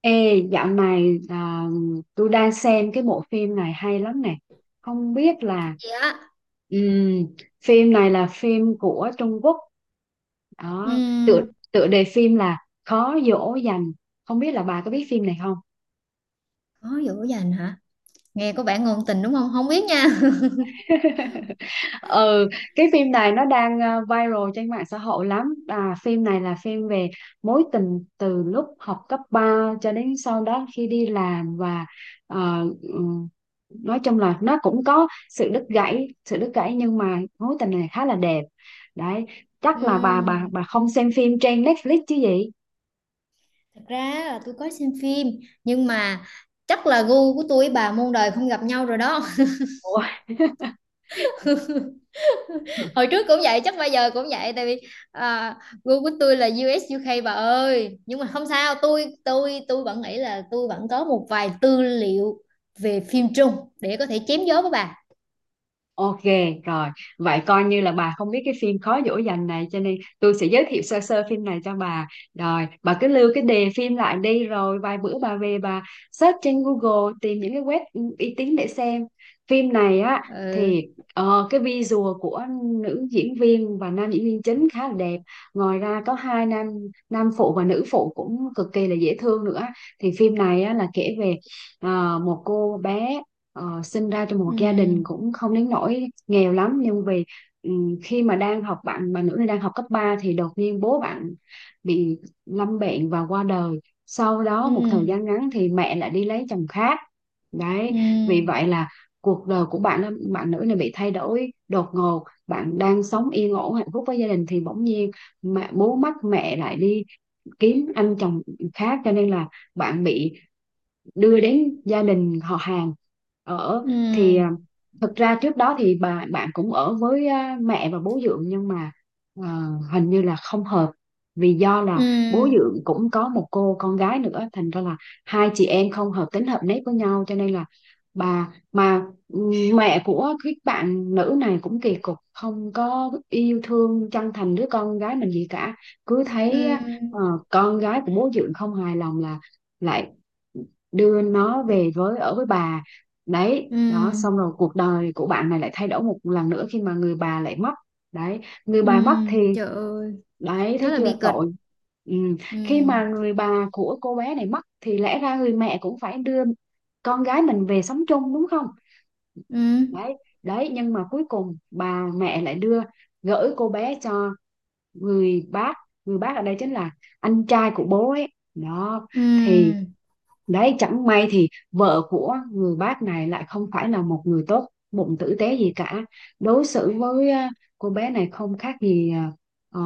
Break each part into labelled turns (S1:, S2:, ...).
S1: Ê, dạo này tôi đang xem cái bộ phim này hay lắm nè. Không biết là
S2: Dạ.
S1: ừm, phim này là phim của Trung Quốc. Đó, tựa
S2: Ừm,
S1: tựa đề phim là Khó dỗ dành. Không biết là bà có biết phim này không?
S2: Khó dỗ dành hả? Nghe có vẻ ngôn tình đúng không? Không biết nha.
S1: Ừ, cái phim này nó đang viral trên mạng xã hội lắm à, phim này là phim về mối tình từ lúc học cấp 3 cho đến sau đó khi đi làm và ờ, ừm, nói chung là nó cũng có sự đứt gãy nhưng mà mối tình này khá là đẹp đấy. Chắc là bà bà
S2: Ừm,
S1: bà không xem phim trên Netflix chứ gì.
S2: Thật ra là tôi có xem phim nhưng mà chắc là gu của tôi với bà muôn đời không gặp nhau rồi đó.
S1: Ủa?
S2: Hồi trước cũng vậy, chắc bây giờ cũng vậy tại vì à, gu của tôi là U.S. u UK bà ơi. Nhưng mà không sao, tôi vẫn nghĩ là tôi vẫn có một vài tư liệu về phim Trung để có thể chém gió với bà.
S1: Ok rồi, vậy coi như là bà không biết cái phim Khó dỗ dành này cho nên tôi sẽ giới thiệu sơ sơ phim này cho bà. Rồi, bà cứ lưu cái đề phim lại đi rồi vài bữa bà về bà search trên Google tìm những cái web uy tín để xem. Phim này á
S2: Ừ.
S1: thì cái visual của nữ diễn viên và nam diễn viên chính khá là đẹp. Ngoài ra có hai nam nam phụ và nữ phụ cũng cực kỳ là dễ thương nữa. Thì phim này á là kể về một cô bé sinh ra trong một gia đình
S2: Ừ,
S1: cũng không đến nỗi nghèo lắm nhưng vì khi mà đang học bạn bạn nữ này đang học cấp 3 thì đột nhiên bố bạn bị lâm bệnh và qua đời. Sau đó một thời
S2: ừ,
S1: gian ngắn thì mẹ lại đi lấy chồng khác
S2: ừ,
S1: đấy. Vì vậy là cuộc đời của bạn bạn nữ này bị thay đổi đột ngột, bạn đang sống yên ổn hạnh phúc với gia đình thì bỗng nhiên mẹ bố mất, mẹ lại đi kiếm anh chồng khác cho nên là bạn bị đưa đến gia đình họ hàng ở. Thì
S2: ừm,
S1: thật ra trước đó thì bà bạn cũng ở với mẹ và bố dượng nhưng mà à, hình như là không hợp, vì do là bố
S2: ừm.
S1: dượng cũng có một cô con gái nữa thành ra là hai chị em không hợp tính hợp nét với nhau cho nên là bà mà mẹ của cái bạn nữ này cũng kỳ cục, không có yêu thương chân thành đứa con gái mình gì cả, cứ
S2: Ừ,
S1: thấy ờ, con gái của bố dượng không hài lòng là lại đưa nó về với ở với bà đấy. Đó
S2: ừ,
S1: xong rồi cuộc đời của bạn này lại thay đổi một lần nữa khi mà người bà lại mất đấy. Người
S2: ừ,
S1: bà mất thì
S2: trời ơi,
S1: đấy,
S2: khá
S1: thấy
S2: là
S1: chưa
S2: bi kịch.
S1: tội. Ừ. Khi
S2: Ừ,
S1: mà người bà của cô bé này mất thì lẽ ra người mẹ cũng phải đưa con gái mình về sống chung đúng không,
S2: ừ,
S1: đấy, đấy, nhưng mà cuối cùng bà mẹ lại đưa gửi cô bé cho người bác người bác ở đây chính là anh trai của bố ấy đó.
S2: ừ,
S1: Thì đấy, chẳng may thì vợ của người bác này lại không phải là một người tốt bụng tử tế gì cả. Đối xử với cô bé này không khác gì ờ,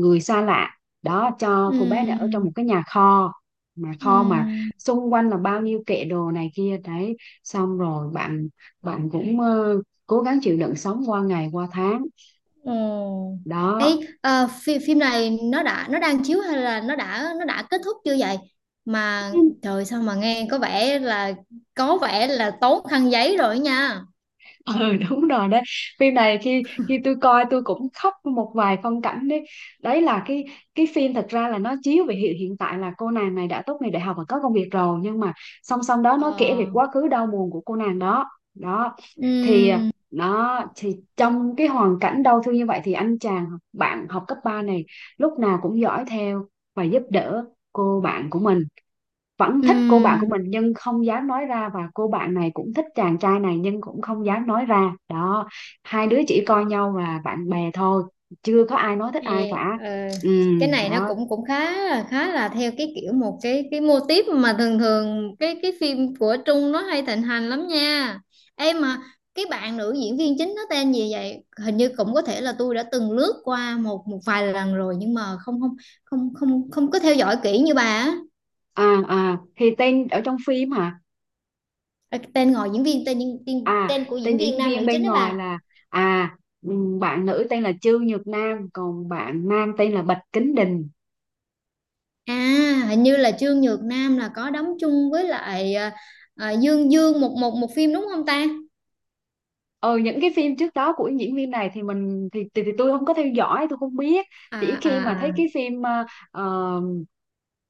S1: người xa lạ. Đó, cho cô bé này ở trong
S2: ừ,
S1: một cái nhà kho. Mà
S2: ừ,
S1: kho mà xung quanh là bao nhiêu kệ đồ này kia. Đấy, xong rồi bạn bạn cũng cố gắng chịu đựng sống qua ngày qua tháng.
S2: ồ. Ấy,
S1: Đó.
S2: phim này nó đã nó đang chiếu hay là nó đã kết thúc chưa vậy? Mà trời sao mà nghe có vẻ là tốn khăn giấy rồi nha.
S1: Ừ đúng rồi đấy, phim này khi khi tôi coi tôi cũng khóc một vài phân cảnh đấy. Đấy là cái phim, thật ra là nó chiếu về hiện hiện tại là cô nàng này đã tốt nghiệp đại học và có công việc rồi nhưng mà song song đó nó kể về
S2: Ờ,
S1: quá khứ đau buồn của cô nàng đó. Đó thì
S2: ừ,
S1: nó thì trong cái hoàn cảnh đau thương như vậy thì anh chàng bạn học cấp 3 này lúc nào cũng dõi theo và giúp đỡ cô bạn của mình, vẫn
S2: ừ.
S1: thích cô bạn của mình nhưng không dám nói ra, và cô bạn này cũng thích chàng trai này nhưng cũng không dám nói ra đó. Hai đứa chỉ coi nhau là bạn bè thôi, chưa có ai nói thích ai
S2: Ê,
S1: cả. Ừ,
S2: cái này nó
S1: đó.
S2: cũng cũng khá là theo cái kiểu một cái mô típ mà thường thường cái phim của Trung nó hay thịnh hành lắm nha em mà cái bạn nữ diễn viên chính nó tên gì vậy, hình như cũng có thể là tôi đã từng lướt qua một một vài lần rồi nhưng mà không không không không không có theo dõi kỹ như bà á.
S1: À, thì tên ở trong phim hả.
S2: Ờ, tên ngồi diễn viên tên,
S1: À,
S2: tên của
S1: tên
S2: diễn viên
S1: diễn
S2: nam
S1: viên
S2: nữ chính
S1: bên
S2: đó
S1: ngoài
S2: bà.
S1: là à bạn nữ tên là Trương Nhược Nam, còn bạn nam tên là Bạch Kính Đình.
S2: À, hình như là Trương Nhược Nam là có đóng chung với lại Dương Dương một một một phim đúng không ta?
S1: Ờ những cái phim trước đó của diễn viên này thì mình thì, tôi không có theo dõi, tôi không biết,
S2: à
S1: chỉ
S2: à
S1: khi mà thấy
S2: à
S1: cái phim ờ,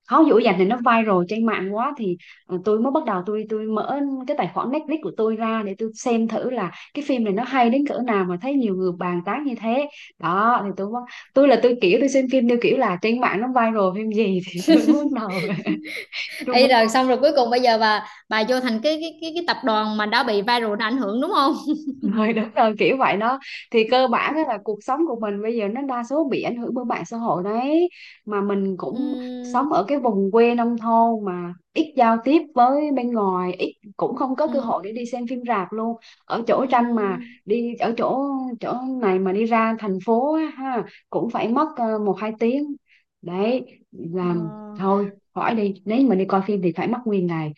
S1: không dữ dành thì nó viral trên mạng quá thì tôi mới bắt đầu, tôi mở cái tài khoản Netflix của tôi ra để tôi xem thử là cái phim này nó hay đến cỡ nào mà thấy nhiều người bàn tán như thế. Đó thì tôi mới- tôi là tôi kiểu tôi xem phim theo kiểu là trên mạng nó viral phim gì thì tôi bắt đầu tôi.
S2: Ấy rồi xong rồi cuối cùng bây giờ bà vô thành cái tập đoàn mà đã bị viral nó ảnh hưởng đúng không?
S1: Rồi đúng rồi kiểu vậy đó. Thì cơ bản á là cuộc sống của mình bây giờ nó đa số bị ảnh hưởng bởi mạng xã hội đấy, mà mình cũng
S2: Ừ,
S1: sống ở cái vùng quê nông thôn mà ít giao tiếp với bên ngoài ít, cũng không có
S2: ừ,
S1: cơ hội để đi xem phim rạp luôn. Ở chỗ tranh mà
S2: ừ.
S1: đi, ở chỗ chỗ này mà đi ra thành phố á, ha, cũng phải mất một hai tiếng đấy.
S2: Ờ,
S1: Làm thôi, hỏi đi, nếu mà đi coi phim thì phải mất nguyên ngày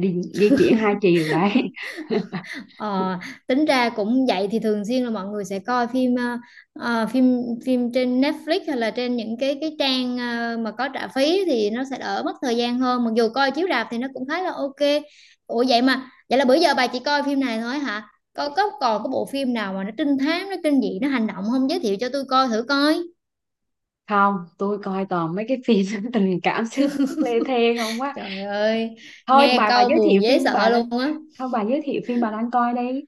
S1: đi di chuyển hai chiều đấy.
S2: ờ, tính ra cũng vậy thì thường xuyên là mọi người sẽ coi phim phim phim trên Netflix hay là trên những cái trang mà có trả phí thì nó sẽ đỡ mất thời gian hơn, mặc dù coi chiếu rạp thì nó cũng khá là ok. Ủa vậy mà vậy là bữa giờ bà chỉ coi phim này thôi hả? Có còn có bộ phim nào mà nó trinh thám, nó kinh dị, nó hành động không, giới thiệu cho tôi coi thử coi.
S1: Không, tôi coi toàn mấy cái phim tình cảm sướt mướt lê thê không quá.
S2: Trời ơi,
S1: Thôi
S2: nghe
S1: bà
S2: câu
S1: giới thiệu
S2: buồn dễ
S1: phim bà
S2: sợ
S1: đang,
S2: luôn á.
S1: thôi bà giới thiệu phim bà đang coi đi.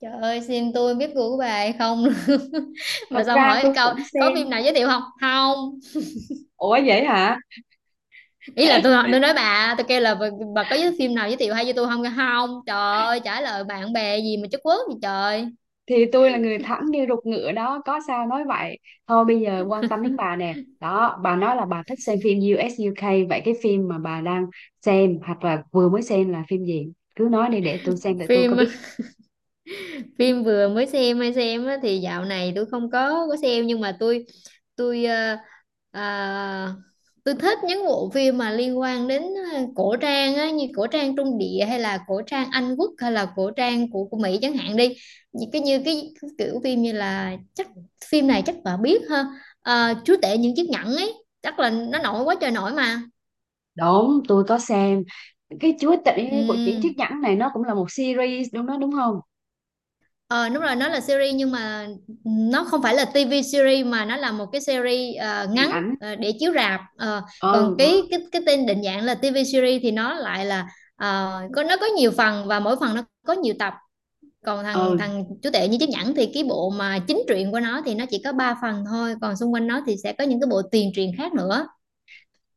S2: Trời ơi, xin tôi biết gu của bà hay không? Mà
S1: Thật
S2: xong
S1: ra
S2: hỏi
S1: tôi
S2: câu
S1: cũng
S2: có phim
S1: xem.
S2: nào giới thiệu không? Không.
S1: Ủa vậy hả.
S2: Ý là tôi nói bà, tôi kêu là bà có giới phim nào giới thiệu hay cho tôi không? Không. Trời ơi, trả lời bạn bè gì mà chất quốc gì trời.
S1: Thì tôi là người thẳng như ruột ngựa đó, có sao nói vậy. Thôi bây giờ quan tâm đến bà nè. Đó, bà nói là bà thích xem phim U.S. u UK, vậy cái phim mà bà đang xem hoặc là vừa mới xem là phim gì cứ nói đi để tôi xem, để tôi có
S2: Phim
S1: biết.
S2: Phim vừa mới xem hay xem á, thì dạo này tôi không có xem, nhưng mà tôi ờ, tôi thích những bộ phim mà liên quan đến cổ trang á, như cổ trang Trung Địa hay là cổ trang Anh Quốc hay là cổ trang của Mỹ chẳng hạn đi, như cái kiểu phim như là chắc phim này chắc bà biết ha. Ờ, Chúa tể những chiếc nhẫn ấy, chắc là nó nổi quá trời nổi mà.
S1: Đúng, tôi có xem cái Chúa Tể của Triển Chiếc
S2: Ừ.
S1: Nhẫn này, nó cũng là một series đúng đó đúng không?
S2: Ờ đúng rồi, nó là series nhưng mà nó không phải là TV series, mà nó là một cái series
S1: Điện
S2: ngắn
S1: ảnh.
S2: để chiếu rạp. Ờ, còn
S1: Ừ, đó.
S2: cái tên định dạng là TV series thì nó lại là có nó có nhiều phần, và mỗi phần nó có nhiều tập. Còn thằng
S1: Ừ,
S2: thằng chú tệ như chiếc nhẫn thì cái bộ mà chính truyện của nó thì nó chỉ có 3 phần thôi, còn xung quanh nó thì sẽ có những cái bộ tiền truyện khác nữa.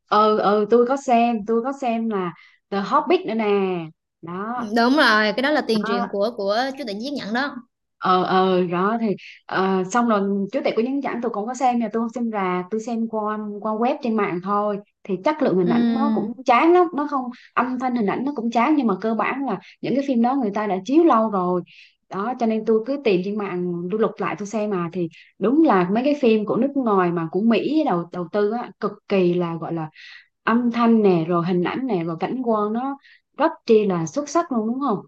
S1: ừ, tôi có xem là The Hobbit nữa nè.
S2: Ừ,
S1: Đó,
S2: đúng rồi, cái đó là tiền
S1: đó.
S2: truyện của chú tệ như chiếc nhẫn đó.
S1: Ờ Đó thì xong rồi chú tể của những ảnh tôi cũng có xem nha, tôi không xem rạp, tôi xem qua qua web trên mạng thôi thì chất lượng hình ảnh nó
S2: Ừ.
S1: cũng chán lắm, nó không, âm thanh hình ảnh nó cũng chán nhưng mà cơ bản là những cái phim đó người ta đã chiếu lâu rồi. Đó cho nên tôi cứ tìm trên mạng tôi lục lại tôi xem mà thì đúng là mấy cái phim của nước ngoài mà của Mỹ đầu đầu tư á, cực kỳ là gọi là âm thanh nè, rồi hình ảnh nè, rồi cảnh quan nó rất chi là xuất sắc luôn đúng không.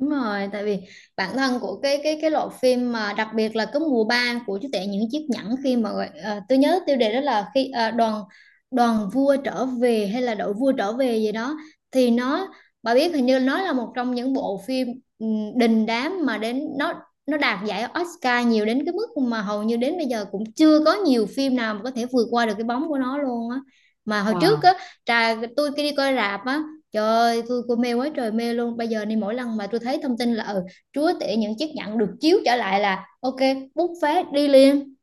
S2: Đúng rồi, tại vì bản thân của cái loại phim, mà đặc biệt là cái mùa 3 của chú tể những chiếc nhẫn khi mà gọi- tôi nhớ tiêu đề đó là khi đoàn đoàn vua trở về hay là đội vua trở về gì đó, thì nó, bà biết hình như nó là một trong những bộ phim đình đám mà đến nó đạt giải Oscar nhiều đến cái mức mà hầu như đến bây giờ cũng chưa có nhiều phim nào mà có thể vượt qua được cái bóng của nó luôn á. Mà hồi trước á,
S1: Wow.
S2: trà tôi khi đi coi rạp á, trời ơi, tôi cô mê quá trời mê luôn. Bây giờ này mỗi lần mà tôi thấy thông tin là ừ, chúa tể những chiếc nhẫn được chiếu trở lại là ok, bút phát đi liền.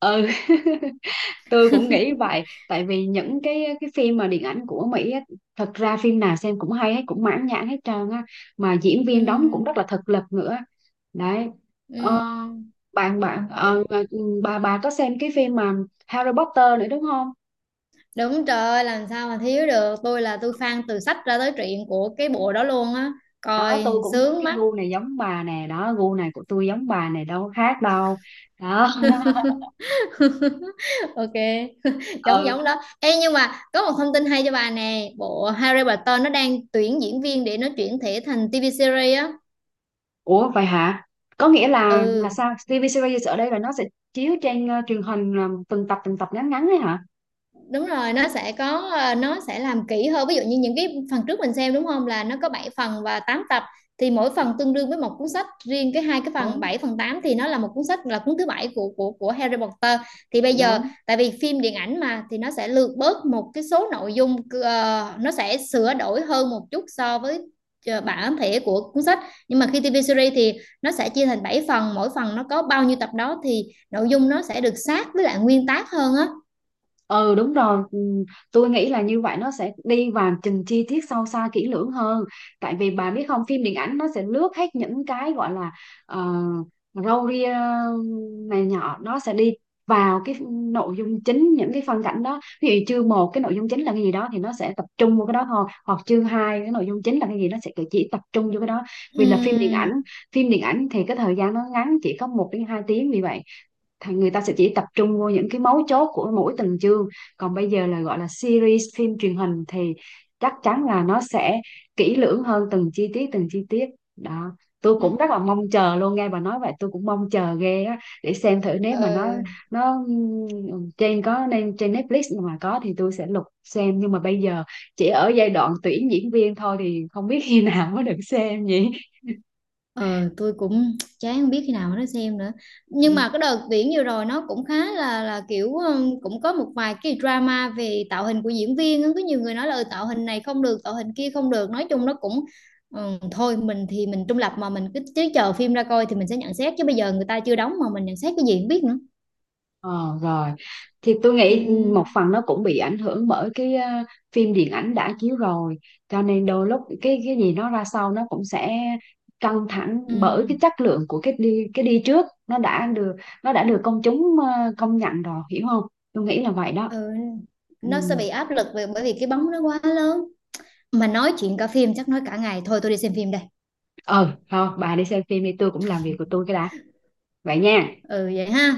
S1: Ừ tôi cũng nghĩ vậy, tại vì những cái phim mà điện ảnh của Mỹ á, thật ra phim nào xem cũng hay hết, cũng mãn nhãn hết trơn á, mà diễn
S2: Ừ,
S1: viên đóng cũng rất là thực lực nữa đấy. ờ,
S2: ừ,
S1: bạn bạn
S2: tỉnh.
S1: Bà có xem cái phim mà Harry Potter nữa đúng không.
S2: Đúng, trời ơi, làm sao mà thiếu được. Tôi là tôi fan từ sách ra tới truyện của cái bộ đó luôn á.
S1: Đó tôi
S2: Coi
S1: cũng có
S2: sướng
S1: cái
S2: mắt.
S1: gu này giống bà nè, đó gu này của tôi giống bà này đâu khác đâu đó.
S2: Ok, giống
S1: Ừ.
S2: giống đó. Ê nhưng mà có một thông tin hay cho bà nè, bộ Harry Potter nó đang tuyển diễn viên để nó chuyển thể thành TV series á.
S1: Ủa vậy hả, có nghĩa là
S2: Ừ.
S1: sao, TV series ở đây là nó sẽ chiếu trên truyền hình từng tập ngắn ngắn đấy hả.
S2: Đúng rồi, nó sẽ có nó sẽ làm kỹ hơn. Ví dụ như những cái phần trước mình xem đúng không, là nó có 7 phần và 8 tập, thì mỗi phần tương đương với một cuốn sách, riêng cái hai cái phần
S1: Đúng,
S2: 7 phần 8 thì nó là một cuốn sách, là cuốn thứ bảy của của Harry Potter. Thì bây giờ
S1: đúng.
S2: tại vì phim điện ảnh mà thì nó sẽ lược bớt một cái số nội dung, nó sẽ sửa đổi hơn một chút so với bản thể của cuốn sách. Nhưng mà khi TV series thì nó sẽ chia thành 7 phần, mỗi phần nó có bao nhiêu tập đó thì nội dung nó sẽ được sát với lại nguyên tác hơn á.
S1: Ừ đúng rồi. Ừ, tôi nghĩ là như vậy nó sẽ đi vào từng chi tiết sâu xa kỹ lưỡng hơn. Tại vì bà biết không, phim điện ảnh nó sẽ lướt hết những cái gọi là uh, râu ria này nhỏ, nó sẽ đi vào cái nội dung chính, những cái phân cảnh đó ví dụ chương một cái nội dung chính là cái gì đó thì nó sẽ tập trung vào cái đó thôi, hoặc chương hai cái nội dung chính là cái gì nó sẽ chỉ tập trung vô cái đó. Vì là phim điện
S2: Ừm.
S1: ảnh, phim điện ảnh thì cái thời gian nó ngắn, chỉ có một đến hai tiếng vì vậy thì người ta sẽ chỉ tập trung vô những cái mấu chốt của mỗi từng chương, còn bây giờ là gọi là series phim truyền hình thì chắc chắn là nó sẽ kỹ lưỡng hơn từng chi tiết đó. Tôi
S2: Ừ.
S1: cũng rất là mong chờ luôn, nghe bà nói vậy tôi cũng mong chờ ghê á, để xem thử nếu mà
S2: Ừ.
S1: nó trên có nên trên Netflix mà có thì tôi sẽ lục xem, nhưng mà bây giờ chỉ ở giai đoạn tuyển diễn viên thôi thì không biết khi nào mới được xem nhỉ.
S2: Ờ, tôi cũng chán không biết khi nào mà nó xem nữa. Nhưng
S1: Ừ.
S2: mà cái đợt Viễn vừa rồi nó cũng khá là kiểu cũng có một vài cái drama về tạo hình của diễn viên á. Có nhiều người nói là "Ừ, tạo hình này không được, tạo hình kia không được". Nói chung nó cũng thôi, mình thì mình trung lập mà mình cứ chờ phim ra coi thì mình sẽ nhận xét, chứ bây giờ người ta chưa đóng mà mình nhận xét cái gì không biết nữa.
S1: Ờ, rồi thì tôi
S2: Ừ.
S1: nghĩ một phần nó cũng bị ảnh hưởng bởi cái phim điện ảnh đã chiếu rồi cho nên đôi lúc cái gì nó ra sau nó cũng sẽ căng thẳng bởi
S2: Ừ,
S1: cái chất lượng của cái đi trước, nó đã được công chúng công nhận rồi hiểu không, tôi nghĩ là vậy đó.
S2: ừ,
S1: Ừ.
S2: nó sẽ bị áp lực về bởi vì cái bóng nó quá lớn. Mà nói chuyện cả phim chắc nói cả ngày, thôi tôi đi xem phim đây.
S1: Ờ thôi bà đi xem phim đi, tôi cũng làm việc của tôi cái đã, vậy nha.
S2: Ừ vậy ha.